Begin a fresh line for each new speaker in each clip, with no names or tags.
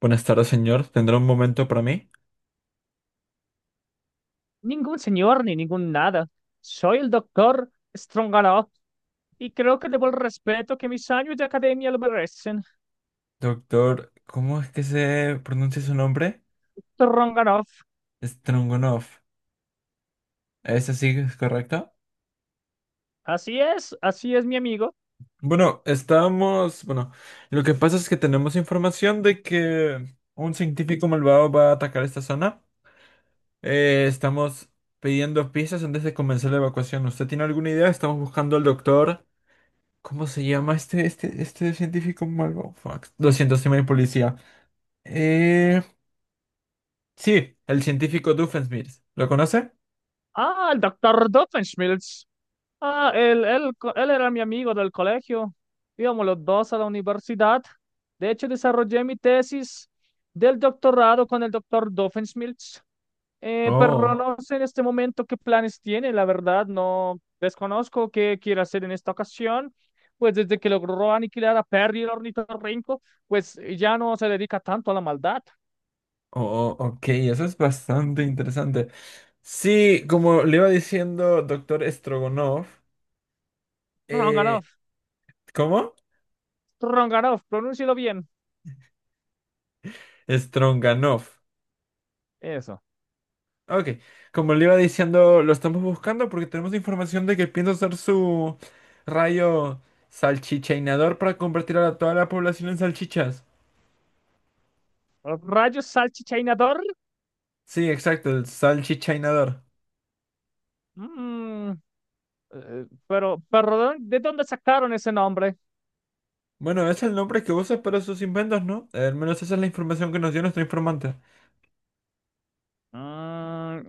Buenas tardes, señor. ¿Tendrá un momento para mí?
Ningún señor ni ningún nada. Soy el doctor Stronganoff y creo que debo el respeto que mis años de academia lo merecen.
Doctor, ¿cómo es que se pronuncia su nombre?
Stronganoff.
Strungunov. ¿Es así, es correcto?
Así es mi amigo.
Bueno, estamos... Bueno, lo que pasa es que tenemos información de que un científico malvado va a atacar esta zona. Estamos pidiendo piezas antes de comenzar la evacuación. ¿Usted tiene alguna idea? Estamos buscando al doctor... ¿Cómo se llama este científico malvado? Fuck. Lo siento, soy muy policía. Eh... Sí, el científico Doofenshmirtz. ¿Lo conoce?
Ah, el doctor Doofenshmirtz. Ah, él era mi amigo del colegio. Íbamos los dos a la universidad. De hecho, desarrollé mi tesis del doctorado con el doctor Doofenshmirtz. Pero
Oh,
no sé en este momento qué planes tiene, la verdad, no desconozco qué quiere hacer en esta ocasión. Pues desde que logró aniquilar a Perry el ornitorrinco, pues ya no se dedica tanto a la maldad.
oh, ok, eso es bastante interesante. Sí, como le iba diciendo doctor Strogonov, eh,
Ronganov,
¿cómo?
Ronganov, pronúncialo bien.
Stronganov.
Eso.
Ok, como le iba diciendo, lo estamos buscando porque tenemos información de que piensa usar su rayo salchichainador para convertir a toda la población en salchichas.
Rayos salchichainador.
Sí, exacto, el salchichainador.
Mm, pero, perdón, ¿de dónde sacaron ese nombre?
Bueno, es el nombre que usa para sus inventos, ¿no? Al menos esa es la información que nos dio nuestro informante.
Mm,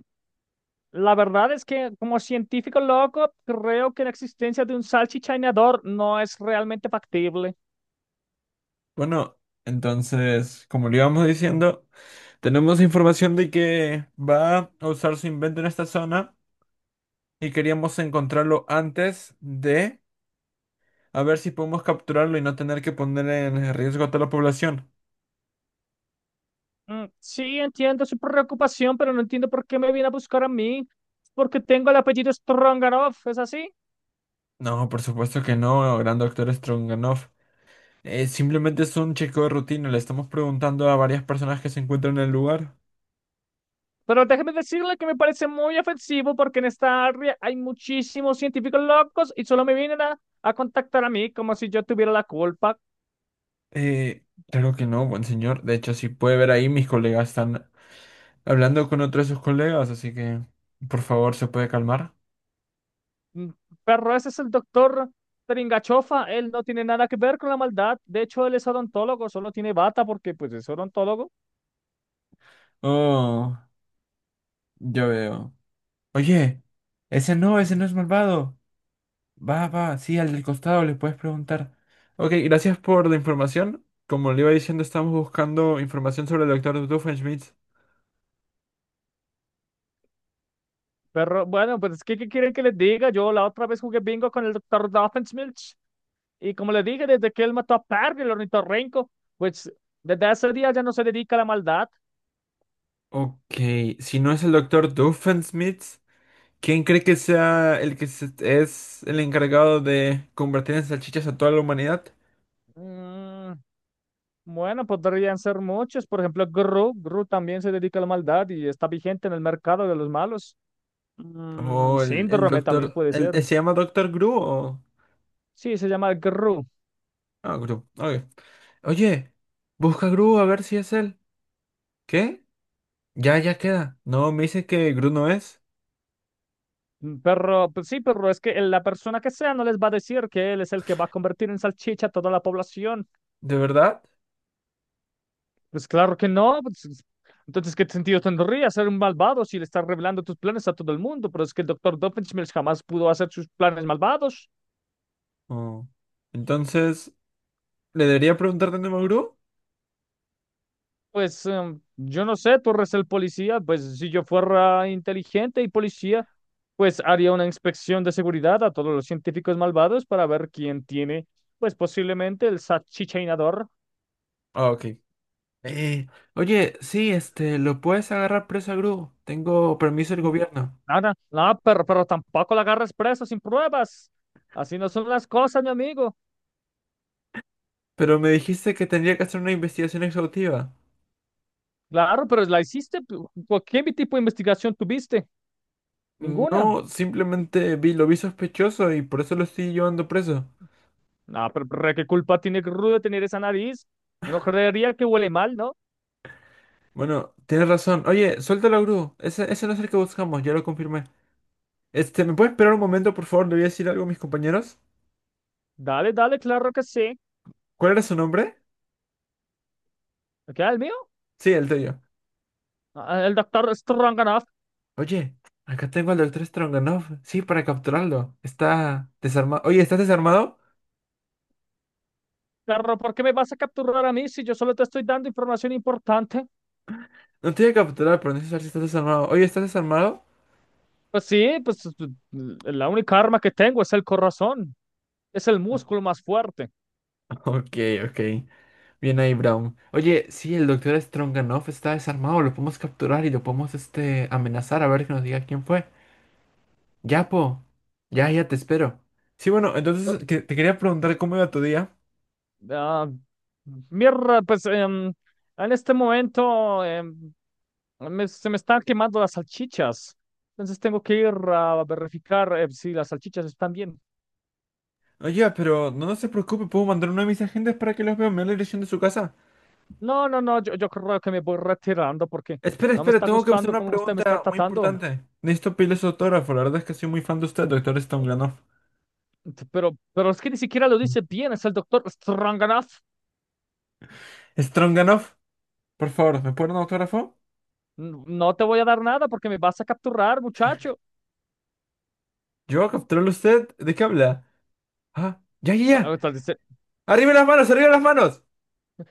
la verdad es que como científico loco, creo que la existencia de un salchichainador no es realmente factible.
Bueno, entonces, como le íbamos diciendo, tenemos información de que va a usar su invento en esta zona y queríamos encontrarlo antes de a ver si podemos capturarlo y no tener que poner en riesgo a toda la población.
Mm. Sí, entiendo su preocupación, pero no entiendo por qué me viene a buscar a mí. Porque tengo el apellido Strongaroff, ¿es así?
No, por supuesto que no, gran doctor Stronganoff. Simplemente es un chequeo de rutina, le estamos preguntando a varias personas que se encuentran en el lugar.
Pero déjeme decirle que me parece muy ofensivo porque en esta área hay muchísimos científicos locos y solo me vienen a contactar a mí como si yo tuviera la culpa.
Eh, claro que no, buen señor. De hecho, si puede ver ahí, mis colegas están hablando con otros de sus colegas, así que, por favor, ¿se puede calmar?
Mm. Pero ese es el doctor Tringachofa, él no tiene nada que ver con la maldad. De hecho, él es odontólogo, solo tiene bata porque pues es odontólogo.
Oh, yo veo. Oye, ese no es malvado. Va, sí, al del costado le puedes preguntar. Ok, gracias por la información. Como le iba diciendo, estamos buscando información sobre el doctor Doofenshmirtz.
Pero bueno, pues ¿qué quieren que les diga? Yo la otra vez jugué bingo con el doctor Doffenshmirtz. Y como les dije, desde que él mató a Parry, el ornitorrinco, pues desde ese día ya no se dedica a la maldad.
Ok, si no es el doctor Doofenshmirtz. ¿Quién cree que sea el que es el encargado de convertir en salchichas a toda la humanidad?
Mm, bueno, podrían ser muchos. Por ejemplo, Gru. Gru también se dedica a la maldad y está vigente en el mercado de los malos. Mm,
¿O el
síndrome también
doctor...
puede
El,
ser.
¿se llama Doctor Gru o...?
Sí, se llama Gru.
Ah, Gru. Ok. Oye, busca a Gru a ver si es él. ¿Qué? Ya queda. No, me dice que Gru no es.
Mm. Pero pues sí, pero es que la persona que sea no les va a decir que él es el que va a convertir en salchicha a toda la población.
¿De verdad?
Pues claro que no. Pues entonces, ¿qué sentido tendría ser un malvado si le estás revelando tus planes a todo el mundo? Pero es que el doctor Doofenshmirtz jamás pudo hacer sus planes malvados.
Oh. Entonces, ¿le debería preguntar de nuevo a Gru?
Pues yo no sé, tú eres el policía. Pues si yo fuera inteligente y policía, pues haría una inspección de seguridad a todos los científicos malvados para ver quién tiene, pues posiblemente el salchichainador.
Ah, ok. Eh, Oye, sí, este, lo puedes agarrar preso a Gru. Tengo permiso del gobierno.
Nada, nada, pero tampoco la agarres presa sin pruebas. Así no son las cosas, mi amigo.
Pero me dijiste que tendría que hacer una investigación exhaustiva.
Claro, pero la hiciste. ¿Qué tipo de investigación tuviste? Ninguna.
No, simplemente vi, lo vi sospechoso y por eso lo estoy llevando preso.
Ah, ¿pero ¿qué culpa tiene Rudo tener esa nariz? Uno creería que huele mal, ¿no?
Bueno, tienes razón. Oye, suéltalo, Gru. Ese no es el que buscamos, ya lo confirmé. Este, ¿me puedes esperar un momento, por favor? Le voy a decir algo a mis compañeros.
Dale, dale, claro que sí.
¿Cuál era su nombre?
¿Qué, el mío?
Sí, el tuyo.
Ah, el doctor Stronganoff.
Oye, acá tengo al doctor Stronganov. Sí, para capturarlo. Está desarmado. Oye, ¿estás desarmado?
Claro, ¿por qué me vas a capturar a mí si yo solo te estoy dando información importante?
No te voy a capturar, pero necesito saber si estás desarmado. Oye, ¿estás desarmado?
Pues sí, la única arma que tengo es el corazón. Es el músculo más fuerte.
Ok, ok. Bien ahí, Brown. Oye, sí, el doctor Stronganoff está desarmado. Lo podemos capturar y lo podemos este, amenazar a ver que nos diga quién fue. Ya, po. Ya te espero. Sí, bueno, entonces
Pero,
te quería preguntar cómo iba tu día.
ah, mierda, en este momento. Ah, se me están quemando las salchichas. Entonces tengo que ir a verificar si las salchichas están bien.
Oye, pero no se preocupe, puedo mandar uno de mis agentes para que los vea. Me da la dirección de su casa.
No, no, no, yo creo que me voy retirando porque
Espera,
no me
espera,
está
tengo que hacer
gustando
una
cómo usted me está
pregunta muy
tratando.
importante. Necesito pedirle su autógrafo. La verdad es que soy muy fan de usted, doctor
Ah,
Stronganoff.
pero es que ni siquiera lo dice bien, es el doctor Stroganoff.
Stronganoff, por favor, ¿me puede dar un autógrafo?
No te voy a dar nada porque me vas a capturar, muchacho.
Yo capturarlo a usted. ¿De qué habla? Ah, ya, ya,
Ah,
ya.
entonces,
¡Arriba las manos! ¡Arriba las manos!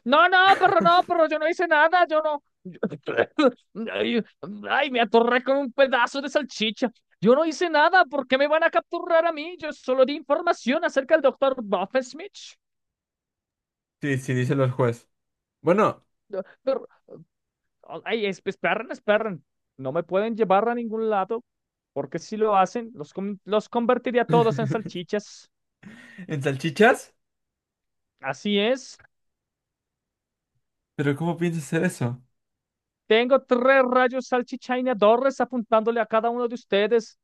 no, no, perro, no, perro, yo no hice nada, yo no. Ay, ay, me atorré con un pedazo de salchicha. Yo no hice nada, ¿por qué me van a capturar a mí? Yo solo di información acerca del doctor Smith.
Sí, sí, dice el juez. Bueno,
Pero, ay, esperen, esperen. No me pueden llevar a ningún lado, porque si lo hacen, los convertiría a todos en salchichas.
¿en salchichas?
Así es.
¿Pero cómo piensas hacer eso?
Tengo tres rayos salchichainadores apuntándole a cada uno de ustedes.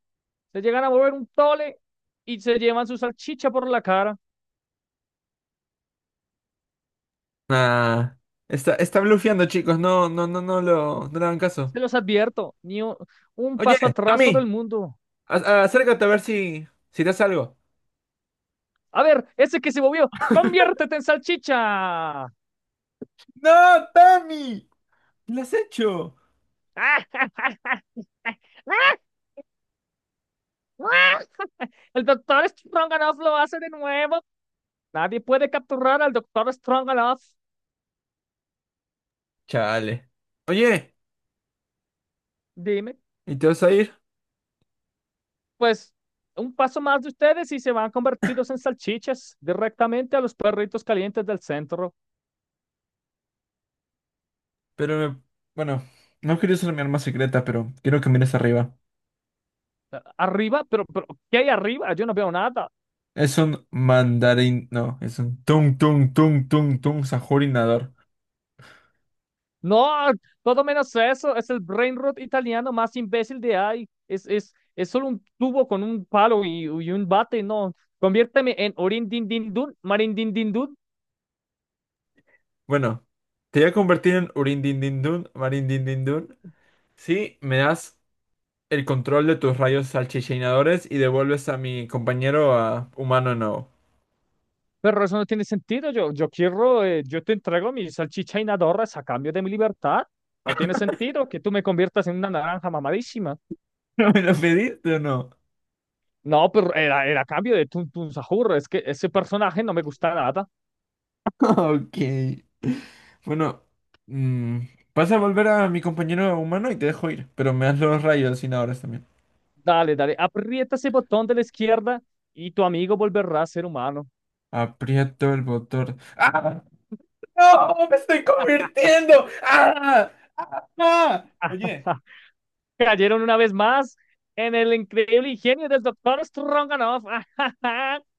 Se llegan a mover un tole y se llevan su salchicha por la cara.
Ah, está blufeando, chicos. No, no le hagan caso.
Se los advierto, ni un, un
Oye,
paso atrás todo el
Tommy,
mundo.
acércate a ver si, si te hace algo.
A ver, ese que se movió, conviértete en salchicha.
¡No, Tommy! ¡Lo has hecho!
El doctor Stronganoff lo hace de nuevo. Nadie puede capturar al doctor Stronganoff.
Chale. Oye,
Dime,
¿y te vas a ir?
pues un paso más de ustedes y se van convertidos en salchichas directamente a los perritos calientes del centro.
Pero me- Bueno, no quería ser mi arma secreta, pero quiero que mires arriba.
¿Arriba? Pero ¿qué hay arriba? Yo no veo nada.
Es un mandarín. No, es un tung tung tung sajorinador.
No, todo menos eso. Es el brain rot italiano más imbécil de ahí. Es solo un tubo con un palo y un bate. No, conviérteme en orin din din dun, marin din din dun.
Bueno, te voy a convertir en Urindindindun, Marindindindun, si me das el control de tus rayos salchichinadores y devuelves a mi compañero a humano no.
Pero eso no tiene sentido. Yo quiero, yo te entrego mi salchicha y nadorras a cambio de mi libertad. No tiene sentido que tú me conviertas en una naranja mamadísima.
¿Me lo pediste o no?
No, era a cambio de Tun Tun Sahur. Es que ese personaje no me gusta nada.
Ok. Bueno, mm, vas a volver a mi compañero humano y te dejo ir, pero me das los rayos hallucinadores también.
Dale, dale, aprieta ese botón de la izquierda y tu amigo volverá a ser humano.
Aprieto el botón. ¡Ah! ¡No! ¡Me estoy convirtiendo! ¡Ah! ¡Ah! Oye.
Cayeron una vez más en el increíble ingenio del doctor Stronganoff.